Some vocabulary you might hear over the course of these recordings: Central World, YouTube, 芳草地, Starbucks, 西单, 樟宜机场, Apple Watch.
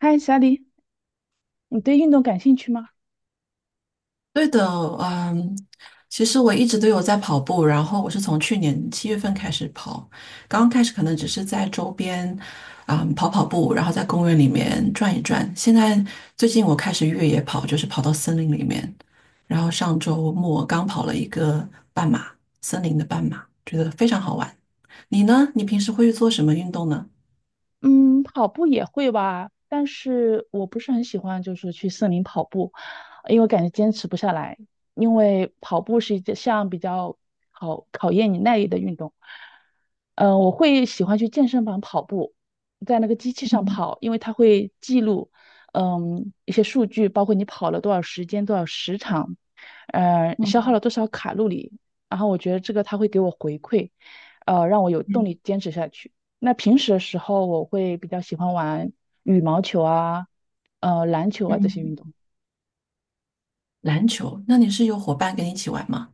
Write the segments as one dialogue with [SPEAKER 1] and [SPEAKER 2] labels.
[SPEAKER 1] 嗨，小李，你对运动感兴趣吗？
[SPEAKER 2] 对的，嗯，其实我一直都有在跑步，然后我是从去年七月份开始跑，刚刚开始可能只是在周边，跑跑步，然后在公园里面转一转。现在最近我开始越野跑，就是跑到森林里面，然后上周末刚跑了一个半马，森林的半马，觉得非常好玩。你呢？你平时会做什么运动呢？
[SPEAKER 1] 嗯，跑步也会吧，但是我不是很喜欢，就是去森林跑步，因为感觉坚持不下来。因为跑步是一项比较考验你耐力的运动。我会喜欢去健身房跑步，在那个机器上跑，因为它会记录，一些数据，包括你跑了多少时间、多少时长，消耗
[SPEAKER 2] 嗯
[SPEAKER 1] 了多少卡路里。然后我觉得这个它会给我回馈，让我有动
[SPEAKER 2] 嗯。
[SPEAKER 1] 力坚持下去。那平时的时候，我会比较喜欢玩羽毛球啊，篮球啊这些运
[SPEAKER 2] 嗯。
[SPEAKER 1] 动。
[SPEAKER 2] 篮球？那你是有伙伴跟你一起玩吗？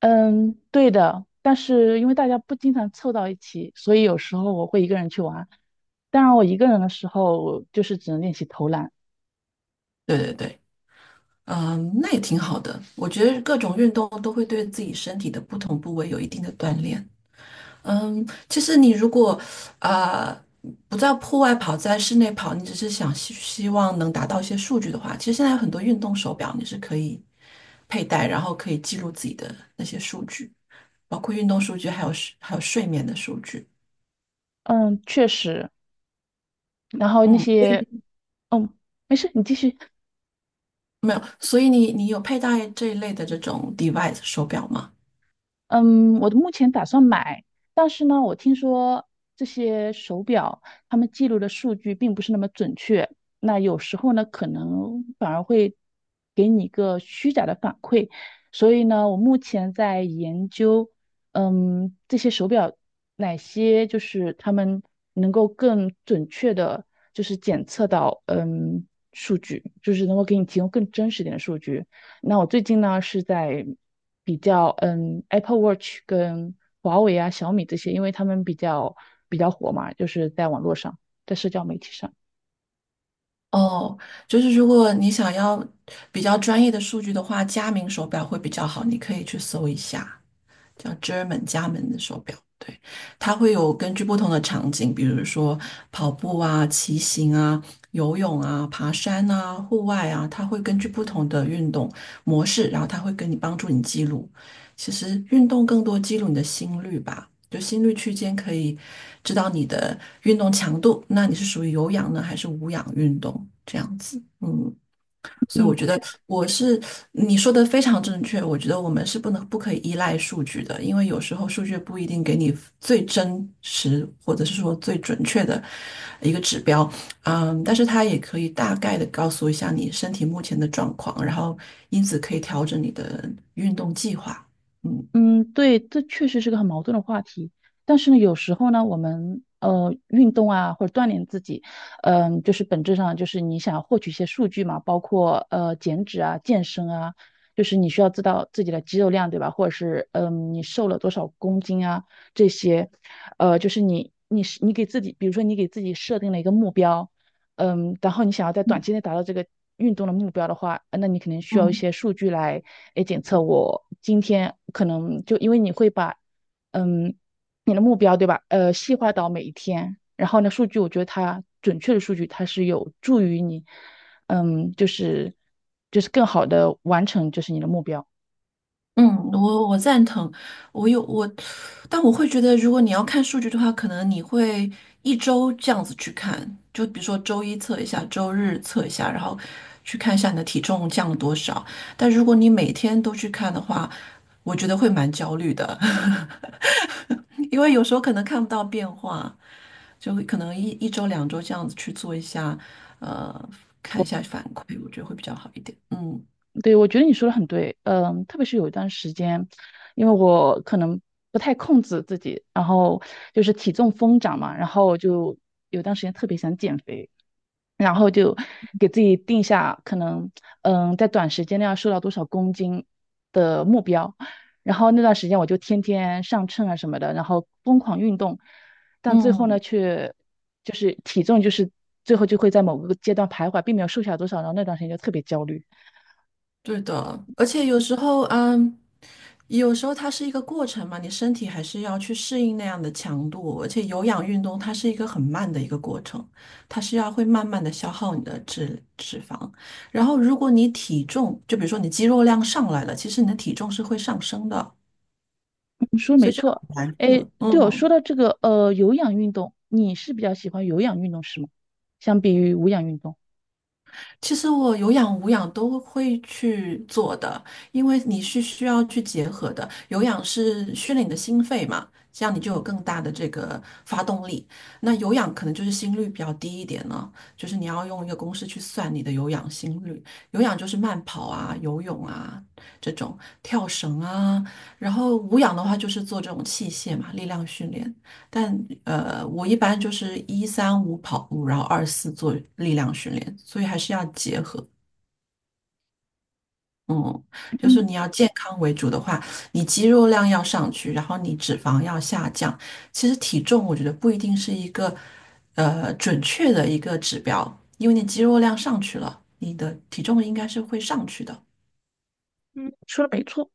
[SPEAKER 1] 嗯，对的。但是因为大家不经常凑到一起，所以有时候我会一个人去玩。当然，我一个人的时候就是只能练习投篮。
[SPEAKER 2] 对对对。嗯，那也挺好的。我觉得各种运动都会对自己身体的不同部位有一定的锻炼。嗯，其实你如果啊、不在户外跑，在室内跑，你只是想希望能达到一些数据的话，其实现在有很多运动手表你是可以佩戴，然后可以记录自己的那些数据，包括运动数据，还有睡眠的数据。
[SPEAKER 1] 嗯，确实。然后那
[SPEAKER 2] 嗯，所
[SPEAKER 1] 些，
[SPEAKER 2] 以
[SPEAKER 1] 嗯，没事，你继续。
[SPEAKER 2] 没有，所以你有佩戴这一类的这种 device 手表吗？
[SPEAKER 1] 嗯，我目前打算买，但是呢，我听说这些手表他们记录的数据并不是那么准确，那有时候呢，可能反而会给你一个虚假的反馈，所以呢，我目前在研究，这些手表哪些就是他们能够更准确的，就是检测到，数据，就是能够给你提供更真实点的数据。那我最近呢是在比较Apple Watch 跟华为啊、小米这些，因为他们比较火嘛，就是在网络上，在社交媒体上。
[SPEAKER 2] 哦，就是如果你想要比较专业的数据的话，佳明手表会比较好，你可以去搜一下。叫 German 家门的手表，对，它会有根据不同的场景，比如说跑步啊、骑行啊、游泳啊、爬山啊、户外啊，它会根据不同的运动模式，然后它会跟你帮助你记录。其实运动更多记录你的心率吧，就心率区间可以知道你的运动强度，那你是属于有氧呢还是无氧运动这样子？嗯。所以我
[SPEAKER 1] 嗯，
[SPEAKER 2] 觉得
[SPEAKER 1] 确实。
[SPEAKER 2] 我是你说的非常正确，我觉得我们是不可以依赖数据的，因为有时候数据不一定给你最真实或者是说最准确的一个指标，嗯，但是它也可以大概的告诉一下你身体目前的状况，然后因此可以调整你的运动计划，嗯。
[SPEAKER 1] 嗯，对，这确实是个很矛盾的话题。但是呢，有时候呢，我们运动啊，或者锻炼自己，就是本质上就是你想获取一些数据嘛，包括减脂啊、健身啊，就是你需要知道自己的肌肉量，对吧？或者是你瘦了多少公斤啊这些，就是你给自己，比如说你给自己设定了一个目标，然后你想要在短期内达到这个运动的目标的话，那你可能需要一
[SPEAKER 2] 嗯，
[SPEAKER 1] 些数据来，检测我今天可能就因为你会把，嗯，你的目标对吧？细化到每一天，然后呢，数据我觉得它准确的数据它是有助于你，就是更好的完成就是你的目标。
[SPEAKER 2] 嗯，我赞同，我有我，但我会觉得，如果你要看数据的话，可能你会一周这样子去看，就比如说周一测一下，周日测一下，然后去看一下你的体重降了多少。但如果你每天都去看的话，我觉得会蛮焦虑的，因为有时候可能看不到变化，就会可能一周两周这样子去做一下，呃，看一下反馈，我觉得会比较好一点。嗯
[SPEAKER 1] 对，我觉得你说的很对，特别是有一段时间，因为我可能不太控制自己，然后就是体重疯涨嘛，然后就有段时间特别想减肥，然后就给自己定下可能，在短时间内要瘦到多少公斤的目标，然后那段时间我就天天上秤啊什么的，然后疯狂运动，但最后
[SPEAKER 2] 嗯。
[SPEAKER 1] 呢，却就是体重就是最后就会在某个阶段徘徊，并没有瘦下多少，然后那段时间就特别焦虑。
[SPEAKER 2] 对的，而且有时候，有时候它是一个过程嘛，你身体还是要去适应那样的强度，而且有氧运动它是一个很慢的一个过程，它是要会慢慢的消耗你的脂肪，然后如果你体重，就比如说你肌肉量上来了，其实你的体重是会上升的，所以这个很难
[SPEAKER 1] 哎，
[SPEAKER 2] 测，
[SPEAKER 1] 对哦，说
[SPEAKER 2] 嗯。
[SPEAKER 1] 到这个有氧运动，你是比较喜欢有氧运动是吗？相比于无氧运动，
[SPEAKER 2] 其实我有氧无氧都会去做的，因为你是需要去结合的。有氧是训练你的心肺嘛，这样你就有更大的这个发动力。那有氧可能就是心率比较低一点呢，就是你要用一个公式去算你的有氧心率。有氧就是慢跑啊、游泳啊这种，跳绳啊。然后无氧的话就是做这种器械嘛，力量训练。但我一般就是一三五跑步，然后二四做力量训练，所以还是要结合。嗯，就
[SPEAKER 1] 嗯
[SPEAKER 2] 是你要健康为主的话，你肌肉量要上去，然后你脂肪要下降。其实体重我觉得不一定是一个准确的一个指标，因为你肌肉量上去了，你的体重应该是会上去的。
[SPEAKER 1] 嗯，说的没错。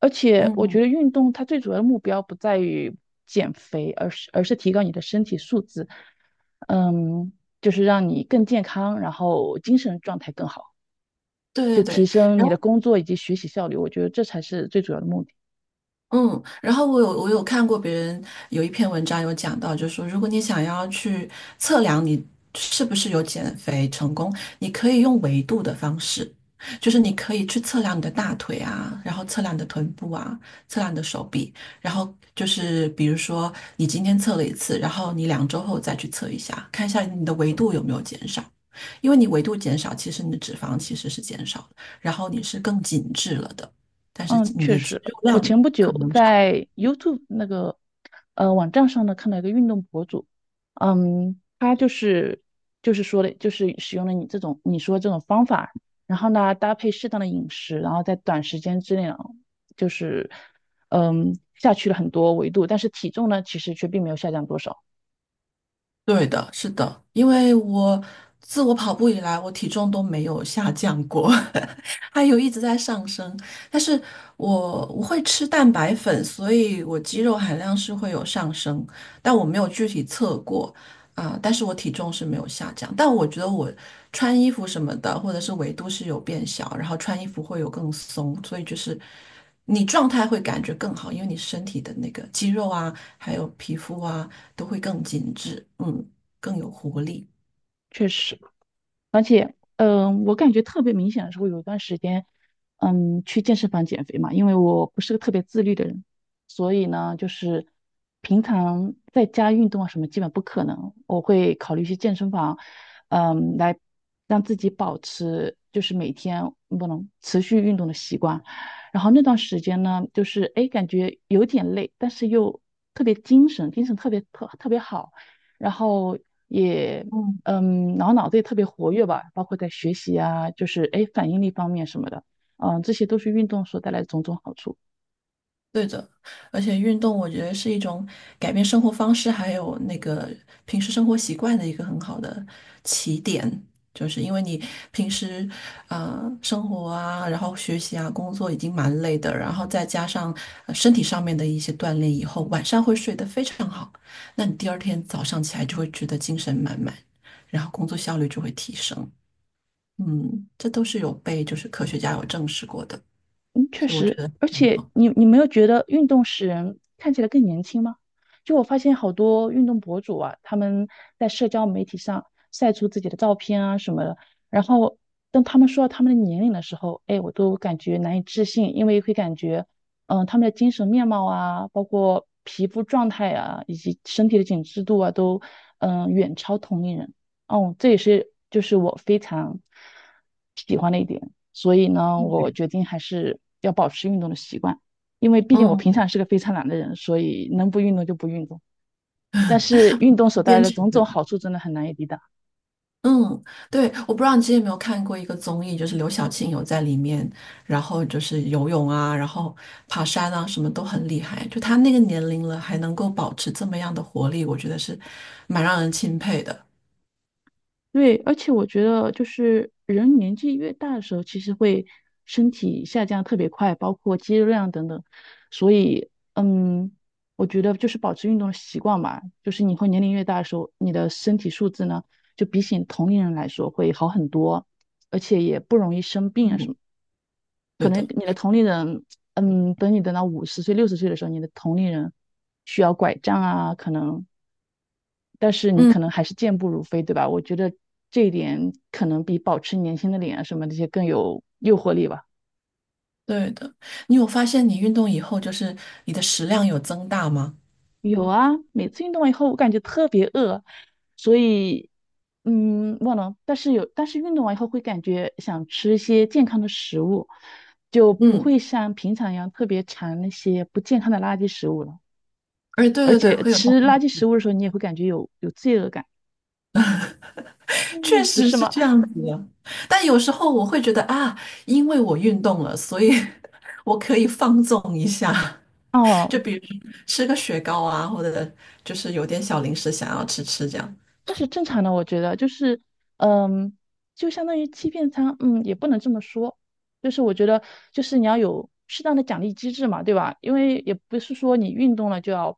[SPEAKER 1] 而且我
[SPEAKER 2] 嗯，
[SPEAKER 1] 觉得运动它最主要的目标不在于减肥，而是提高你的身体素质，嗯，就是让你更健康，然后精神状态更好，
[SPEAKER 2] 对
[SPEAKER 1] 就
[SPEAKER 2] 对
[SPEAKER 1] 提
[SPEAKER 2] 对。
[SPEAKER 1] 升
[SPEAKER 2] 然
[SPEAKER 1] 你的
[SPEAKER 2] 后。
[SPEAKER 1] 工作以及学习效率。我觉得这才是最主要的目的。
[SPEAKER 2] 嗯，然后我有看过别人有一篇文章有讲到，就是说，如果你想要去测量你是不是有减肥成功，你可以用维度的方式，就是你可以去测量你的大腿啊，然后测量你的臀部啊，测量你的手臂，然后就是比如说你今天测了一次，然后你两周后再去测一下，看一下你的维度有没有减少，因为你维度减少，其实你的脂肪其实是减少的，然后你是更紧致了的。但是
[SPEAKER 1] 嗯，
[SPEAKER 2] 你
[SPEAKER 1] 确
[SPEAKER 2] 的肌
[SPEAKER 1] 实，
[SPEAKER 2] 肉
[SPEAKER 1] 我
[SPEAKER 2] 量
[SPEAKER 1] 前不
[SPEAKER 2] 可
[SPEAKER 1] 久
[SPEAKER 2] 能是
[SPEAKER 1] 在 YouTube 那个网站上呢看到一个运动博主，他就是说的，就是使用了你说这种方法，然后呢搭配适当的饮食，然后在短时间之内啊，就是下去了很多维度，但是体重呢其实却并没有下降多少，
[SPEAKER 2] 对的，是的，因为我自我跑步以来，我体重都没有下降过，还有一直在上升。但是我会吃蛋白粉，所以我肌肉含量是会有上升，但我没有具体测过但是我体重是没有下降，但我觉得我穿衣服什么的，或者是维度是有变小，然后穿衣服会有更松，所以就是你状态会感觉更好，因为你身体的那个肌肉啊，还有皮肤啊。都会更紧致，嗯，更有活力。
[SPEAKER 1] 确实。而且，我感觉特别明显的时候，有一段时间，去健身房减肥嘛，因为我不是个特别自律的人，所以呢，就是平常在家运动啊什么基本不可能，我会考虑去健身房，来让自己保持就是每天不能持续运动的习惯。然后那段时间呢，就是哎，诶感觉有点累，但是又特别精神，精神特别好。然后也然后脑子也特别活跃吧，包括在学习啊，就是哎反应力方面什么的，这些都是运动所带来的种种好处。
[SPEAKER 2] 对的，而且运动我觉得是一种改变生活方式，还有那个平时生活习惯的一个很好的起点，就是因为你平时啊，生活啊，然后学习啊，工作已经蛮累的，然后再加上身体上面的一些锻炼以后，晚上会睡得非常好，那你第二天早上起来就会觉得精神满满，然后工作效率就会提升。嗯，这都是有被科学家有证实过的。
[SPEAKER 1] 嗯，确
[SPEAKER 2] 所以我觉
[SPEAKER 1] 实，
[SPEAKER 2] 得
[SPEAKER 1] 而
[SPEAKER 2] 很
[SPEAKER 1] 且
[SPEAKER 2] 好。
[SPEAKER 1] 你没有觉得运动使人看起来更年轻吗？就我发现好多运动博主啊，他们在社交媒体上晒出自己的照片啊什么的，然后当他们说到他们的年龄的时候，哎，我都感觉难以置信，因为会感觉，他们的精神面貌啊，包括皮肤状态啊，以及身体的紧致度啊，都远超同龄人。哦，这也是就是我非常喜欢的一点。所以呢，我
[SPEAKER 2] 对，
[SPEAKER 1] 决定还是要保持运动的习惯，因为毕竟我平
[SPEAKER 2] 嗯，
[SPEAKER 1] 常是个非常懒的人，所以能不运动就不运动。但是运动所带来
[SPEAKER 2] 坚
[SPEAKER 1] 的
[SPEAKER 2] 持
[SPEAKER 1] 种种
[SPEAKER 2] 对，
[SPEAKER 1] 好处真的很难以抵挡。
[SPEAKER 2] 嗯，对，我不知道你之前有没有看过一个综艺，就是刘晓庆有在里面，然后就是游泳啊，然后爬山啊，什么都很厉害。就她那个年龄了，还能够保持这么样的活力，我觉得是蛮让人钦佩的。
[SPEAKER 1] 对，而且我觉得就是人年纪越大的时候，其实会身体下降特别快，包括肌肉量等等。所以，我觉得就是保持运动的习惯吧，就是你会年龄越大的时候，你的身体素质呢，就比起同龄人来说会好很多，而且也不容易生病啊什
[SPEAKER 2] 嗯，
[SPEAKER 1] 么的可
[SPEAKER 2] 对
[SPEAKER 1] 能
[SPEAKER 2] 的，
[SPEAKER 1] 你的同龄人，等到50岁、60岁的时候，你的同龄人需要拐杖啊，可能，但是你
[SPEAKER 2] 嗯，
[SPEAKER 1] 可能还是健步如飞，对吧？我觉得这一点可能比保持年轻的脸啊什么这些更有诱惑力吧。
[SPEAKER 2] 对的。你有发现你运动以后，就是你的食量有增大吗？
[SPEAKER 1] 有啊，每次运动完以后，我感觉特别饿，所以，忘了，但是有，但是运动完以后会感觉想吃一些健康的食物，就不
[SPEAKER 2] 嗯，
[SPEAKER 1] 会像平常一样特别馋那些不健康的垃圾食物了。
[SPEAKER 2] 哎，对
[SPEAKER 1] 而
[SPEAKER 2] 对对，
[SPEAKER 1] 且
[SPEAKER 2] 会有。
[SPEAKER 1] 吃垃圾食物的时候，你也会感觉有罪恶感，
[SPEAKER 2] 确
[SPEAKER 1] 嗯，不
[SPEAKER 2] 实
[SPEAKER 1] 是
[SPEAKER 2] 是
[SPEAKER 1] 吗？
[SPEAKER 2] 这样子的，但有时候我会觉得啊，因为我运动了，所以 我可以放纵一下，就
[SPEAKER 1] 哦，
[SPEAKER 2] 比如吃个雪糕啊，或者就是有点小零食想要吃吃这样。
[SPEAKER 1] 那是正常的，我觉得就是，嗯，就相当于欺骗他，也不能这么说，就是我觉得就是你要有适当的奖励机制嘛，对吧？因为也不是说你运动了就要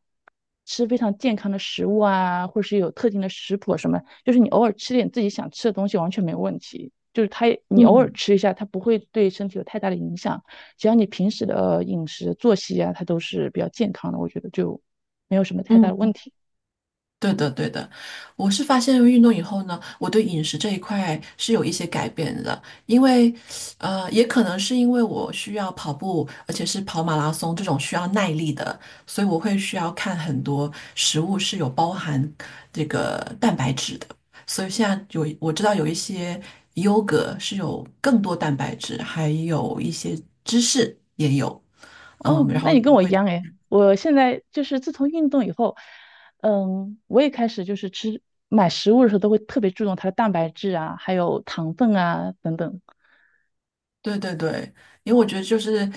[SPEAKER 1] 吃非常健康的食物啊，或者是有特定的食谱什么，就是你偶尔吃点自己想吃的东西完全没有问题，就是它也你偶尔
[SPEAKER 2] 嗯
[SPEAKER 1] 吃一下，它不会对身体有太大的影响，只要你平时的饮食作息啊，它都是比较健康的，我觉得就没有什么太大
[SPEAKER 2] 嗯，
[SPEAKER 1] 的问题。
[SPEAKER 2] 对的，对的，我是发现运动以后呢，我对饮食这一块是有一些改变的，因为，也可能是因为我需要跑步，而且是跑马拉松这种需要耐力的，所以我会需要看很多食物是有包含这个蛋白质的，所以现在有我知道有一些优格是有更多蛋白质，还有一些芝士也有，嗯，
[SPEAKER 1] 哦，
[SPEAKER 2] 然
[SPEAKER 1] 那
[SPEAKER 2] 后。
[SPEAKER 1] 你跟我一样诶，我现在就是自从运动以后，我也开始就是吃，买食物的时候都会特别注重它的蛋白质啊，还有糖分啊等等。
[SPEAKER 2] 对对对，因为我觉得就是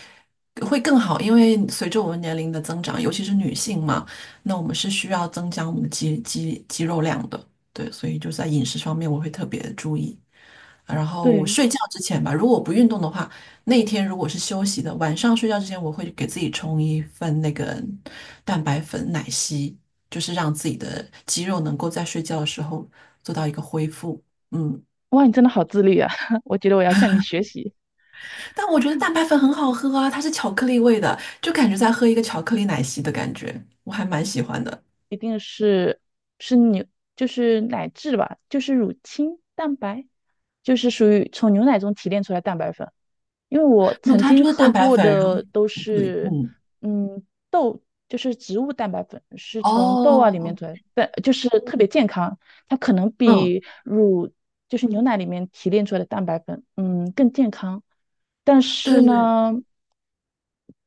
[SPEAKER 2] 会更好，因为随着我们年龄的增长，尤其是女性嘛，那我们是需要增加我们的肌肉量的。对，所以就在饮食方面我会特别注意。然后
[SPEAKER 1] 对，
[SPEAKER 2] 睡觉之前吧，如果我不运动的话，那一天如果是休息的，晚上睡觉之前我会给自己冲一份那个蛋白粉奶昔，就是让自己的肌肉能够在睡觉的时候做到一个恢复。嗯。
[SPEAKER 1] 哇，你真的好自律啊！我觉得我要向你学习，
[SPEAKER 2] 但我觉得蛋白粉很好喝啊，它是巧克力味的，就感觉在喝一个巧克力奶昔的感觉，我还蛮喜欢的。
[SPEAKER 1] 一定是是牛，就是奶制吧，就是乳清蛋白，就是属于从牛奶中提炼出来的蛋白粉。因为我
[SPEAKER 2] 没有，
[SPEAKER 1] 曾
[SPEAKER 2] 它
[SPEAKER 1] 经
[SPEAKER 2] 就是
[SPEAKER 1] 喝
[SPEAKER 2] 蛋白
[SPEAKER 1] 过
[SPEAKER 2] 粉，然后
[SPEAKER 1] 的都
[SPEAKER 2] 巧克力，
[SPEAKER 1] 是，
[SPEAKER 2] 嗯，
[SPEAKER 1] 豆，就是植物蛋白粉，是从豆啊
[SPEAKER 2] 哦，
[SPEAKER 1] 里面做的，但就是特别健康，它可能
[SPEAKER 2] 嗯，
[SPEAKER 1] 比乳，就是牛奶里面提炼出来的蛋白粉，更健康，但
[SPEAKER 2] 对
[SPEAKER 1] 是
[SPEAKER 2] 对对，
[SPEAKER 1] 呢，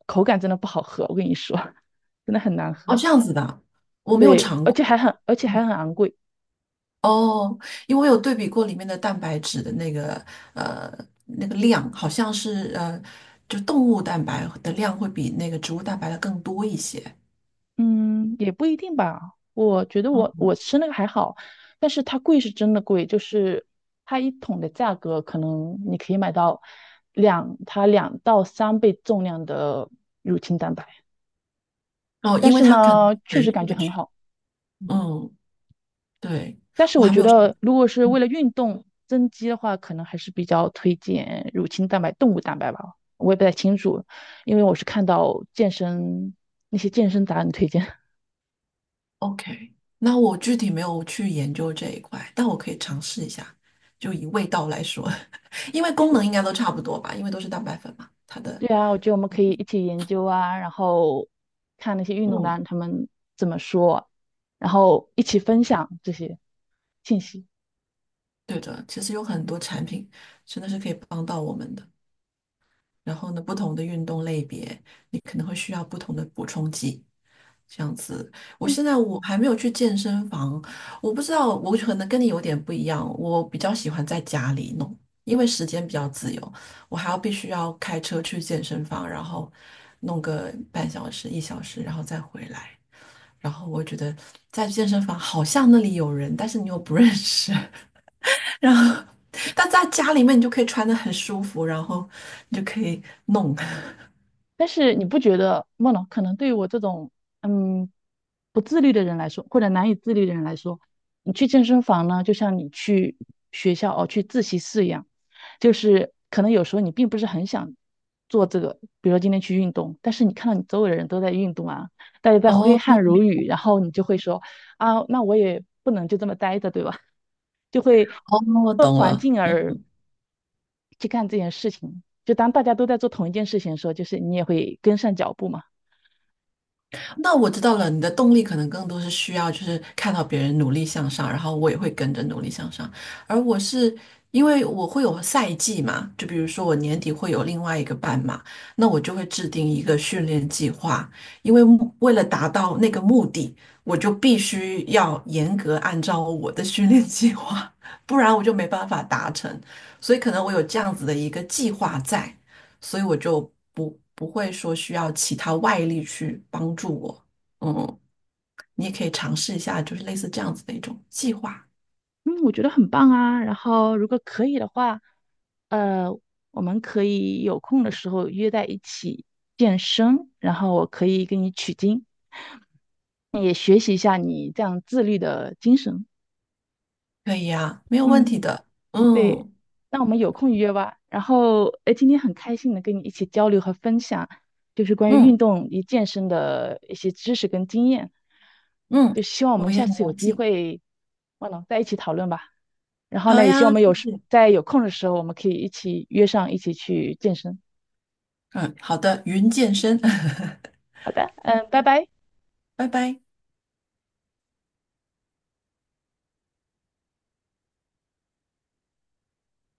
[SPEAKER 1] 口感真的不好喝，我跟你说，真的很难
[SPEAKER 2] 哦，
[SPEAKER 1] 喝，
[SPEAKER 2] 这样子的，我没有
[SPEAKER 1] 对，
[SPEAKER 2] 尝过，
[SPEAKER 1] 而且
[SPEAKER 2] 嗯，
[SPEAKER 1] 还很昂贵。
[SPEAKER 2] 哦，因为我有对比过里面的蛋白质的那个呃那个量，好像是就动物蛋白的量会比那个植物蛋白的更多一些，
[SPEAKER 1] 嗯，也不一定吧。我觉得我吃那个还好，但是它贵是真的贵，就是它一桶的价格，可能你可以买到它两到三倍重量的，
[SPEAKER 2] 哦，
[SPEAKER 1] 但
[SPEAKER 2] 因为
[SPEAKER 1] 是
[SPEAKER 2] 它可能
[SPEAKER 1] 呢，确
[SPEAKER 2] 难
[SPEAKER 1] 实感觉
[SPEAKER 2] 摄
[SPEAKER 1] 很
[SPEAKER 2] 取
[SPEAKER 1] 好。嗯，
[SPEAKER 2] 嗯，对，
[SPEAKER 1] 但是
[SPEAKER 2] 我
[SPEAKER 1] 我
[SPEAKER 2] 还
[SPEAKER 1] 觉
[SPEAKER 2] 没有试过
[SPEAKER 1] 得如果是为了运动增肌的话，可能还是比较推荐乳清蛋白、动物蛋白吧。我也不太清楚，因为我是看到健身那些健身达人推荐。
[SPEAKER 2] OK,那我具体没有去研究这一块，但我可以尝试一下。就以味道来说，因为功能应该 都差不多吧，因为都是蛋白粉嘛。它的，
[SPEAKER 1] 对啊，我觉得我们可以一起研究啊，然后看那些运动员
[SPEAKER 2] 嗯，
[SPEAKER 1] 他们怎么说啊，然后一起分享这些信息。
[SPEAKER 2] 对的，其实有很多产品真的是可以帮到我们的。然后呢，不同的运动类别，你可能会需要不同的补充剂。这样子，我现在我还没有去健身房，我不知道，我可能跟你有点不一样，我比较喜欢在家里弄，因为时间比较自由，我还要必须要开车去健身房，然后弄个半小时、一小时，然后再回来。然后我觉得在健身房好像那里有人，但是你又不认识，然后但在家里面你就可以穿得很舒服，然后你就可以弄。
[SPEAKER 1] 但是你不觉得梦龙可能对于我这种嗯不自律的人来说，或者难以自律的人来说，你去健身房呢，就像你去学校哦去自习室一样，就是可能有时候你并不是很想做这个，比如说今天去运动，但是你看到你周围的人都在运动啊，大家在挥
[SPEAKER 2] 哦，
[SPEAKER 1] 汗如雨，然后你就会说啊，那我也不能就这么待着，对吧？就会。
[SPEAKER 2] 哦，我懂
[SPEAKER 1] 环
[SPEAKER 2] 了。
[SPEAKER 1] 境
[SPEAKER 2] 嗯
[SPEAKER 1] 而。去干这件事情。就当大家都在做同一件事情的时候，就是你也会跟上脚步嘛。
[SPEAKER 2] 那我知道了，你的动力可能更多是需要，就是看到别人努力向上，然后我也会跟着努力向上。而我是因为我会有赛季嘛，就比如说我年底会有另外一个半马，那我就会制定一个训练计划，因为为了达到那个目的，我就必须要严格按照我的训练计划，不然我就没办法达成。所以可能我有这样子的一个计划在。所以我就不会说需要其他外力去帮助我。嗯，你也可以尝试一下，就是类似这样子的一种计划，
[SPEAKER 1] 嗯，我觉得很棒啊。然后如果可以的话，呃，我们可以有空的时候约在一起健身，然后我可以给你取经，也学习一下你这样自律的精神。
[SPEAKER 2] 可以呀，没有问题
[SPEAKER 1] 嗯。
[SPEAKER 2] 的。
[SPEAKER 1] 对，
[SPEAKER 2] 嗯
[SPEAKER 1] 那我们有空约吧。然后，哎，今天很开心能跟你一起交流和分享，就是关于运
[SPEAKER 2] 嗯
[SPEAKER 1] 动与健身的一些知识跟经验。
[SPEAKER 2] 嗯，
[SPEAKER 1] 就希望我们
[SPEAKER 2] 我也
[SPEAKER 1] 下
[SPEAKER 2] 很
[SPEAKER 1] 次有
[SPEAKER 2] 荣
[SPEAKER 1] 机
[SPEAKER 2] 幸。
[SPEAKER 1] 会，忘了在一起讨论吧。然后
[SPEAKER 2] 好
[SPEAKER 1] 呢，也希望我
[SPEAKER 2] 呀，
[SPEAKER 1] 们
[SPEAKER 2] 谢
[SPEAKER 1] 有时
[SPEAKER 2] 谢。
[SPEAKER 1] 在有空的时候，我们可以一起约上一起去健身。
[SPEAKER 2] 嗯，好的，云健身，
[SPEAKER 1] 好的，拜拜。
[SPEAKER 2] 拜拜。